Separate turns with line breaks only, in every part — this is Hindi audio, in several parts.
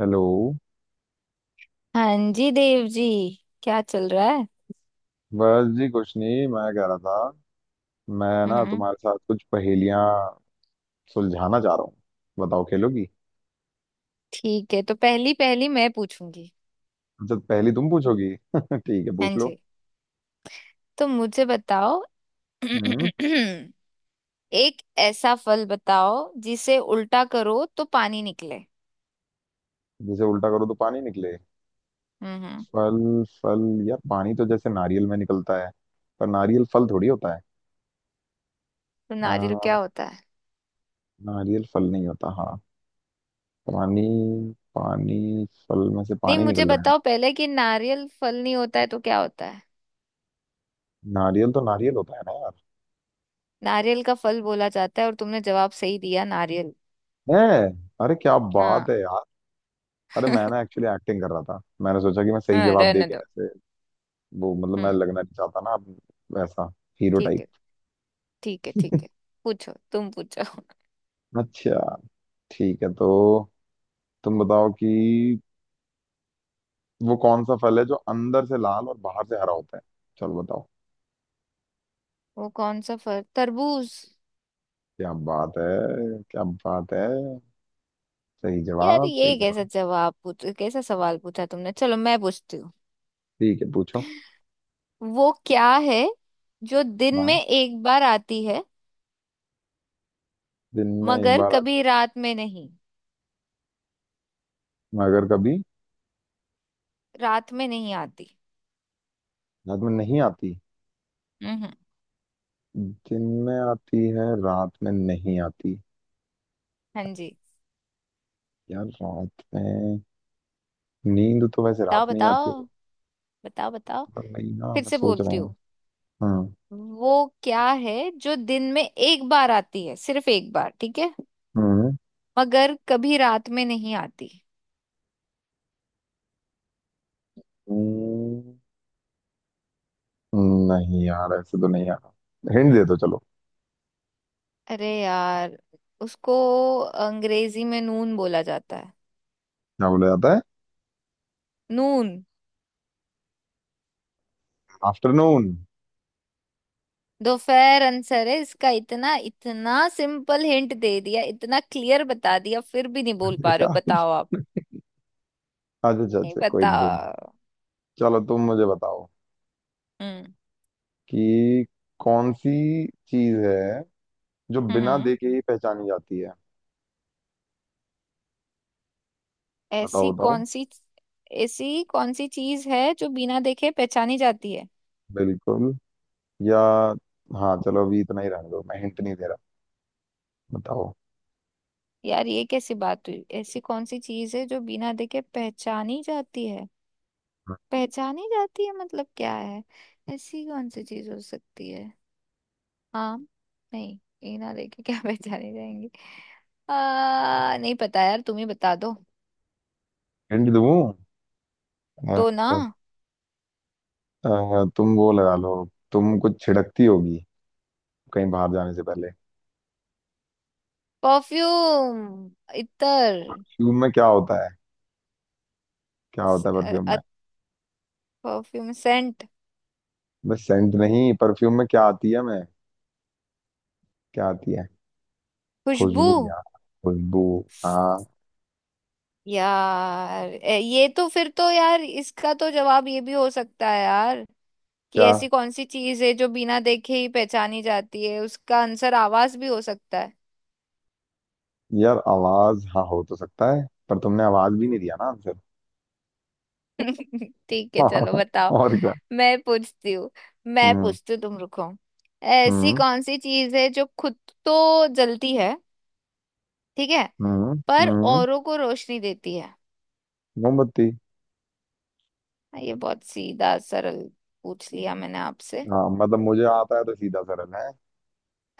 हेलो।
हाँ जी देव जी। क्या चल रहा है?
बस जी कुछ नहीं। मैं कह रहा था मैं ना
हम्म।
तुम्हारे साथ कुछ पहेलियां सुलझाना चाह रहा हूँ। बताओ खेलोगी।
ठीक है, तो पहली पहली मैं पूछूंगी।
अच्छा पहली तुम पूछोगी ठीक है पूछ
हाँ
लो।
जी। तो मुझे बताओ।
हम्म।
एक ऐसा फल बताओ जिसे उल्टा करो तो पानी निकले।
जैसे उल्टा करो तो पानी निकले।
हम्म।
फल। फल। यार पानी तो जैसे नारियल में निकलता है, पर नारियल फल थोड़ी होता है।
तो
आ,
नारियल क्या होता है?
नारियल फल नहीं होता। हाँ पानी। पानी फल में से
नहीं,
पानी
मुझे
निकल रहा है ना।
बताओ पहले कि नारियल फल नहीं होता है तो क्या होता है?
नारियल तो नारियल होता है ना यार।
नारियल का फल बोला जाता है, और तुमने जवाब सही दिया, नारियल।
है। अरे क्या
हाँ।
बात है यार। अरे मैं ना एक्चुअली एक्टिंग कर रहा था। मैंने सोचा कि मैं सही
हाँ,
जवाब दे
रहने
के
दो।
ऐसे वो, मतलब मैं
हम्म।
लगना नहीं चाहता ना अब वैसा हीरो
ठीक
टाइप।
है। ठीक है, ठीक है। पूछो, तुम पूछो।
अच्छा ठीक है। तो तुम बताओ कि वो कौन सा फल है जो अंदर से लाल और बाहर से हरा होता है। चलो बताओ।
वो कौन सा फल, तरबूज।
क्या बात है। क्या बात है। सही
यार
जवाब। सही
ये कैसा
जवाब।
जवाब, पूछ कैसा सवाल पूछा तुमने? चलो, मैं पूछती हूँ।
ठीक है पूछो।
वो क्या है जो दिन में
हाँ
एक बार आती है,
दिन में एक
मगर
बार आती,
कभी रात में नहीं?
मगर कभी
रात में नहीं आती।
रात में नहीं आती।
हम्म।
दिन में आती है, रात में नहीं आती।
हाँ जी।
यार रात में नींद तो वैसे
बताओ
रात में ही
बताओ।
आती है।
बताओ बताओ।
तो वही ना,
फिर
मैं
से
सोच रहा
बोलती
हूँ।
हूँ।
हाँ।
वो क्या है जो दिन में एक बार आती है, सिर्फ एक बार, ठीक है?
हम्म।
मगर कभी रात में नहीं आती।
हम्म, नहीं यार ऐसे तो नहीं। यार हिंट दे दो चलो।
अरे यार, उसको अंग्रेजी में नून बोला जाता है।
क्या बोला जाता है।
नून।
आफ्टरनून।
दोपहर आंसर है इसका। इतना इतना सिंपल हिंट दे दिया, इतना क्लियर बता दिया, फिर भी नहीं बोल पा रहे हो?
यार
बताओ आप।
अच्छा अच्छा
नहीं,
अच्छा, कोई नहीं कोई नहीं।
बताओ।
चलो तुम मुझे बताओ
हम्म।
कि कौन सी चीज है जो बिना
हम्म।
देखे ही पहचानी जाती है।
ऐसी
बताओ बताओ।
कौन सी। ऐसी कौन सी चीज है जो बिना देखे पहचानी जाती है?
बिल्कुल। या हाँ, चलो अभी इतना ही रहने दो, मैं हिंट नहीं दे रहा। बताओ।
यार ये कैसी बात हुई? ऐसी कौन सी चीज है जो बिना देखे पहचानी जाती है? पहचानी जाती है मतलब क्या है? ऐसी कौन सी चीज हो सकती है? हाँ। नहीं। ये ना लेके क्या पहचाने जाएंगे? नहीं पता यार, तुम ही बता दो।
हिंट दूँ। अ,
तो ना,
तुम वो लगा लो। तुम कुछ छिड़कती होगी कहीं बाहर जाने से पहले।
परफ्यूम। इतर।
परफ्यूम में क्या होता है। क्या होता है परफ्यूम में।
Perfume, scent.
बस सेंट नहीं, परफ्यूम में क्या आती है मैं। क्या आती है।
खुशबू।
खुशबू यार, खुशबू। हाँ।
यार ये तो। फिर तो यार इसका तो जवाब ये भी हो सकता है यार, कि
क्या।
ऐसी कौन सी चीज है जो बिना देखे ही पहचानी जाती है, उसका आंसर आवाज भी हो सकता है।
यार आवाज, हाँ हो तो सकता है, पर तुमने आवाज भी नहीं दिया ना आंसर।
ठीक है, चलो बताओ।
और क्या।
मैं पूछती हूँ। मैं
हम्म।
पूछती हूँ, तुम रुको। ऐसी
हम्म।
कौन सी चीज है जो खुद तो जलती है, ठीक है,
हम्म।
पर
हम्म।
औरों को रोशनी देती है?
मोमबत्ती।
हाँ, ये बहुत सीधा सरल पूछ लिया मैंने आपसे।
हाँ मतलब मुझे आता है तो सीधा सरल है।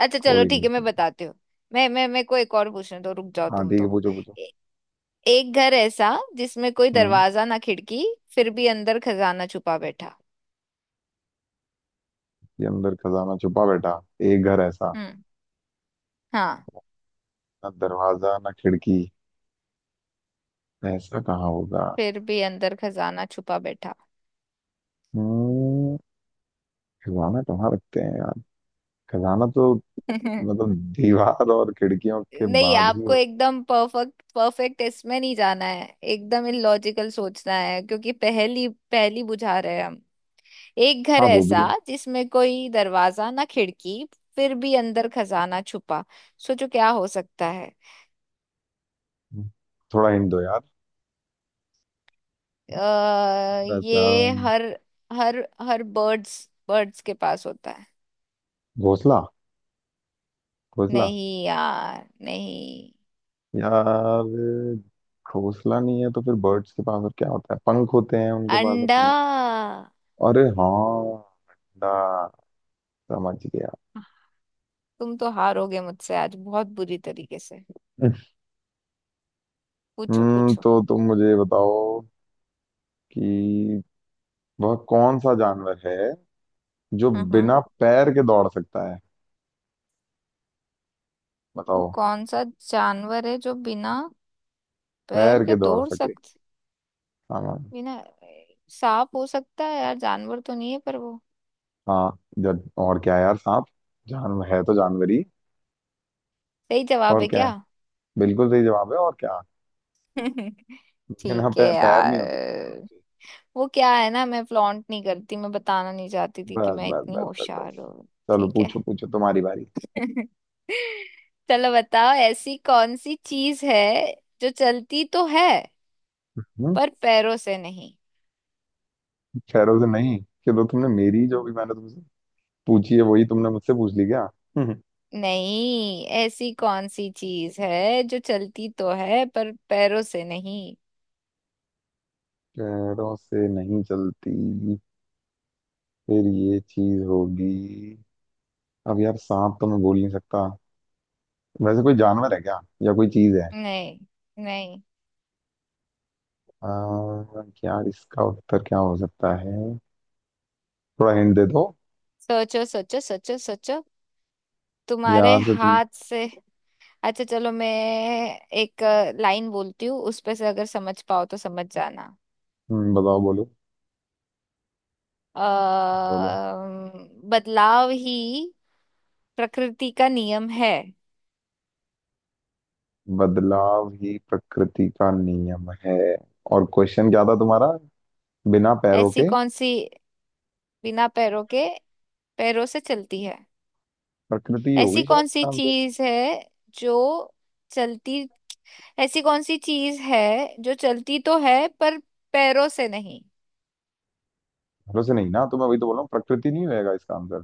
अच्छा चलो,
कोई
ठीक
नहीं
है, मैं
कोई
बताती हूँ। मैं मेरे को एक और पूछने दो, रुक जाओ
नहीं। हाँ
तुम
ठीक है
तो।
पूछो पूछो।
ए, एक घर ऐसा जिसमें कोई
हम्म।
दरवाजा ना खिड़की, फिर भी अंदर खजाना छुपा बैठा।
ये अंदर खजाना छुपा बैठा। एक घर ऐसा,
हम्म। हाँ।
ना दरवाजा ना खिड़की, ऐसा कहाँ होगा।
फिर भी अंदर खजाना छुपा बैठा।
हम्म, खजाना कहाँ रखते हैं यार। खजाना तो मतलब दीवार और खिड़कियों के
नहीं,
बाद ही
आपको
हो-।
एकदम परफेक्ट परफेक्ट इसमें नहीं जाना है। एकदम इलॉजिकल सोचना है क्योंकि पहली पहली बुझा रहे हैं हम। एक घर
हाँ वो भी
ऐसा
है।
जिसमें कोई दरवाजा ना खिड़की, फिर भी अंदर खजाना छुपा। सोचो क्या हो सकता है।
थोड़ा हिंट दो यार, थोड़ा सा।
ये हर हर हर बर्ड्स बर्ड्स के पास होता है।
घोंसला। घोंसला।
नहीं यार, नहीं।
यार घोंसला नहीं है तो फिर बर्ड्स के पास और क्या होता है, पंख होते हैं उनके पास
अंडा।
अपने। अरे हाँ अंडा। समझ गया।
तुम तो हारोगे मुझसे आज बहुत बुरी तरीके से। पूछो
हम्म।
पूछो।
तो तुम मुझे बताओ कि वह कौन सा जानवर है जो
हम्म।
बिना पैर के दौड़ सकता है।
वो
बताओ।
कौन सा जानवर है जो बिना पैर
तैर
के
के दौड़
दौड़
सके।
सकता?
हाँ हाँ।
बिना। सांप हो सकता है यार, जानवर तो नहीं है पर वो।
हाँ, जब और क्या है यार, सांप जानवर है तो जानवर ही।
सही जवाब
और
है
क्या है।
क्या?
बिल्कुल सही जवाब है। और क्या। बिना
ठीक है
पै-, पैर नहीं होते।
यार। वो क्या है ना, मैं फ्लॉन्ट नहीं करती, मैं बताना नहीं चाहती थी कि
बस
मैं
बस
इतनी
बस बस बस।
होशियार हूँ।
चलो
ठीक है।
पूछो पूछो, तुम्हारी बारी।
चलो बताओ, ऐसी कौन सी चीज है जो चलती तो है
हम्म।
पर पैरों से नहीं?
पैरों से नहीं। चलो तुमने मेरी जो भी, मैंने तुमसे पूछी है वही तुमने मुझसे पूछ ली क्या। हम्म,
नहीं, ऐसी कौन सी चीज है जो चलती तो है पर पैरों से नहीं?
पैरों से नहीं चलती, फिर ये चीज होगी। अब यार सांप तो मैं बोल नहीं सकता। वैसे कोई जानवर है क्या, या कोई चीज है।
नहीं। नहीं।
आ, यार इसका उत्तर क्या हो सकता है। थोड़ा हिंट दे दो।
सोचो सोचो सोचो सोचो। तुम्हारे
यार सच में।
हाथ से। अच्छा चलो, मैं एक लाइन बोलती हूँ, उस पे से अगर समझ पाओ तो समझ जाना।
बताओ बोलो
अ
बोलो
बदलाव ही प्रकृति का नियम है।
बदलाव ही प्रकृति का नियम है और क्वेश्चन क्या था तुम्हारा बिना पैरों
ऐसी
के
कौन सी। बिना पैरों के, पैरों से चलती है।
प्रकृति
ऐसी
होगी शायद
कौन सी
इसका आंसर
चीज है जो चलती। ऐसी कौन सी चीज है जो चलती तो है पर पैरों से नहीं?
पैरों से नहीं ना तो मैं वही तो बोल रहा हूँ प्रकृति नहीं होएगा इसका आंसर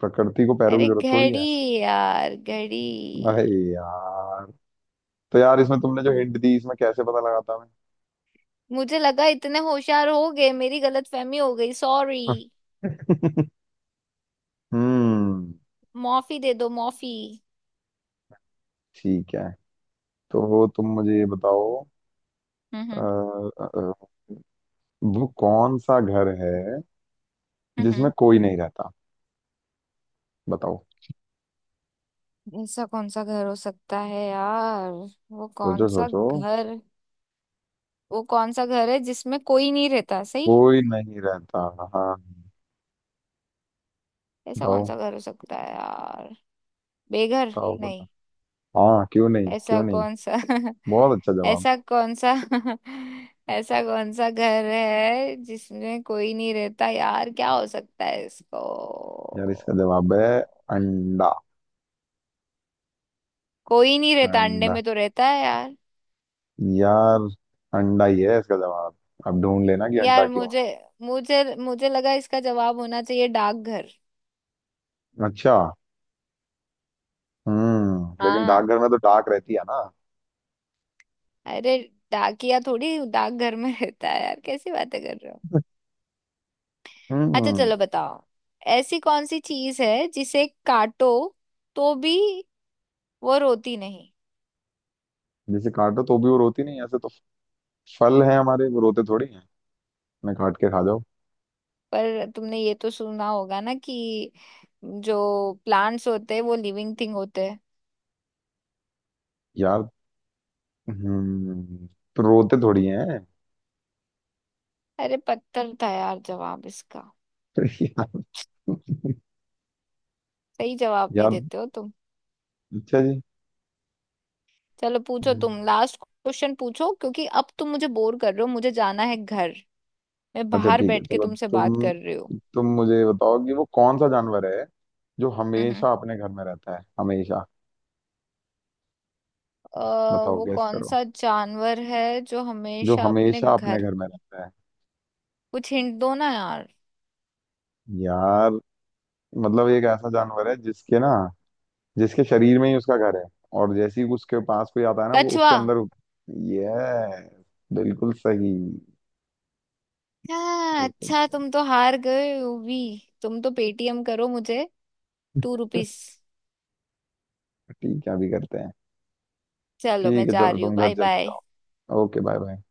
प्रकृति को पैरों की
अरे
जरूरत थोड़ी
घड़ी।
है
यार घड़ी।
अरे यार तो यार इसमें तुमने जो हिंट दी इसमें कैसे पता लगाता मैं
मुझे लगा इतने होशियार हो गए, मेरी गलतफहमी हो गई, सॉरी।
हम्म।
माफी दे दो, माफी।
ठीक है, तो तुम मुझे ये बताओ। अ,
हम्म।
अ, अ, वो कौन सा घर है
हम्म।
जिसमें
हम्म।
कोई नहीं रहता। बताओ।
ऐसा कौन सा घर हो सकता है यार? वो कौन
सोचो
सा
सोचो।
घर? वो कौन सा घर है जिसमें कोई नहीं रहता, सही?
कोई नहीं रहता। हाँ।
ऐसा कौन
बताओ
सा घर हो सकता है यार? बेघर?
बताओ
नहीं।
बताओ। हाँ क्यों नहीं,
ऐसा
क्यों नहीं।
कौन सा
बहुत अच्छा जवाब।
ऐसा कौन सा ऐसा कौन सा घर है जिसमें कोई नहीं रहता यार, क्या हो सकता है इसको?
यार इसका जवाब है अंडा।
कोई नहीं रहता, अंडे
अंडा
में तो रहता है यार।
यार, अंडा ही है इसका जवाब। अब ढूंढ लेना कि अंडा
यार
क्यों।
मुझे मुझे मुझे लगा इसका जवाब होना चाहिए डाकघर।
है अच्छा। हम्म, लेकिन
हाँ।
डाकघर में तो डाक रहती है ना।
अरे, डाकिया थोड़ी डाकघर में रहता है यार, कैसी बातें कर रहे हो? अच्छा
हम्म।
चलो बताओ, ऐसी कौन सी चीज है जिसे काटो तो भी वो रोती नहीं?
जिसे काटो तो भी वो रोती नहीं, ऐसे तो फल है हमारे, वो रोते थोड़ी हैं। मैं काट के खा जाओ।
पर तुमने ये तो सुना होगा ना कि जो प्लांट्स होते हैं वो लिविंग थिंग होते हैं।
यार हम्म, तो रोते थोड़ी हैं।
अरे पत्थर था यार जवाब इसका।
यार।
सही जवाब नहीं
यार
देते हो तुम।
अच्छा जी।
चलो पूछो,
हम्म,
तुम लास्ट क्वेश्चन पूछो, क्योंकि अब तुम मुझे बोर कर रहे हो, मुझे जाना है घर। मैं
अच्छा
बाहर
ठीक है
बैठ के
चलो।
तुमसे बात कर रही हूँ।
तुम मुझे बताओ कि वो कौन सा जानवर है जो
हम्म।
हमेशा अपने घर में रहता है, हमेशा।
अ,
बताओ
वो
गैस
कौन
करो।
सा जानवर है जो
जो
हमेशा अपने
हमेशा अपने
घर।
घर में रहता है।
कुछ हिंट दो ना यार।
यार मतलब एक ऐसा जानवर है जिसके ना, जिसके शरीर में ही उसका घर है, और जैसे ही उसके पास कोई आता है ना वो उसके
कछुआ।
अंदर। ये बिल्कुल सही।
हाँ,
बिल्कुल।
अच्छा तुम तो हार गए हो भी। तुम तो पेटीएम करो मुझे। ₹2।
ठीक है अभी करते हैं।
चलो मैं
ठीक है
जा
चलो,
रही हूँ,
तुम घर
बाय
चले
बाय।
जाओ। Okay, bye bye.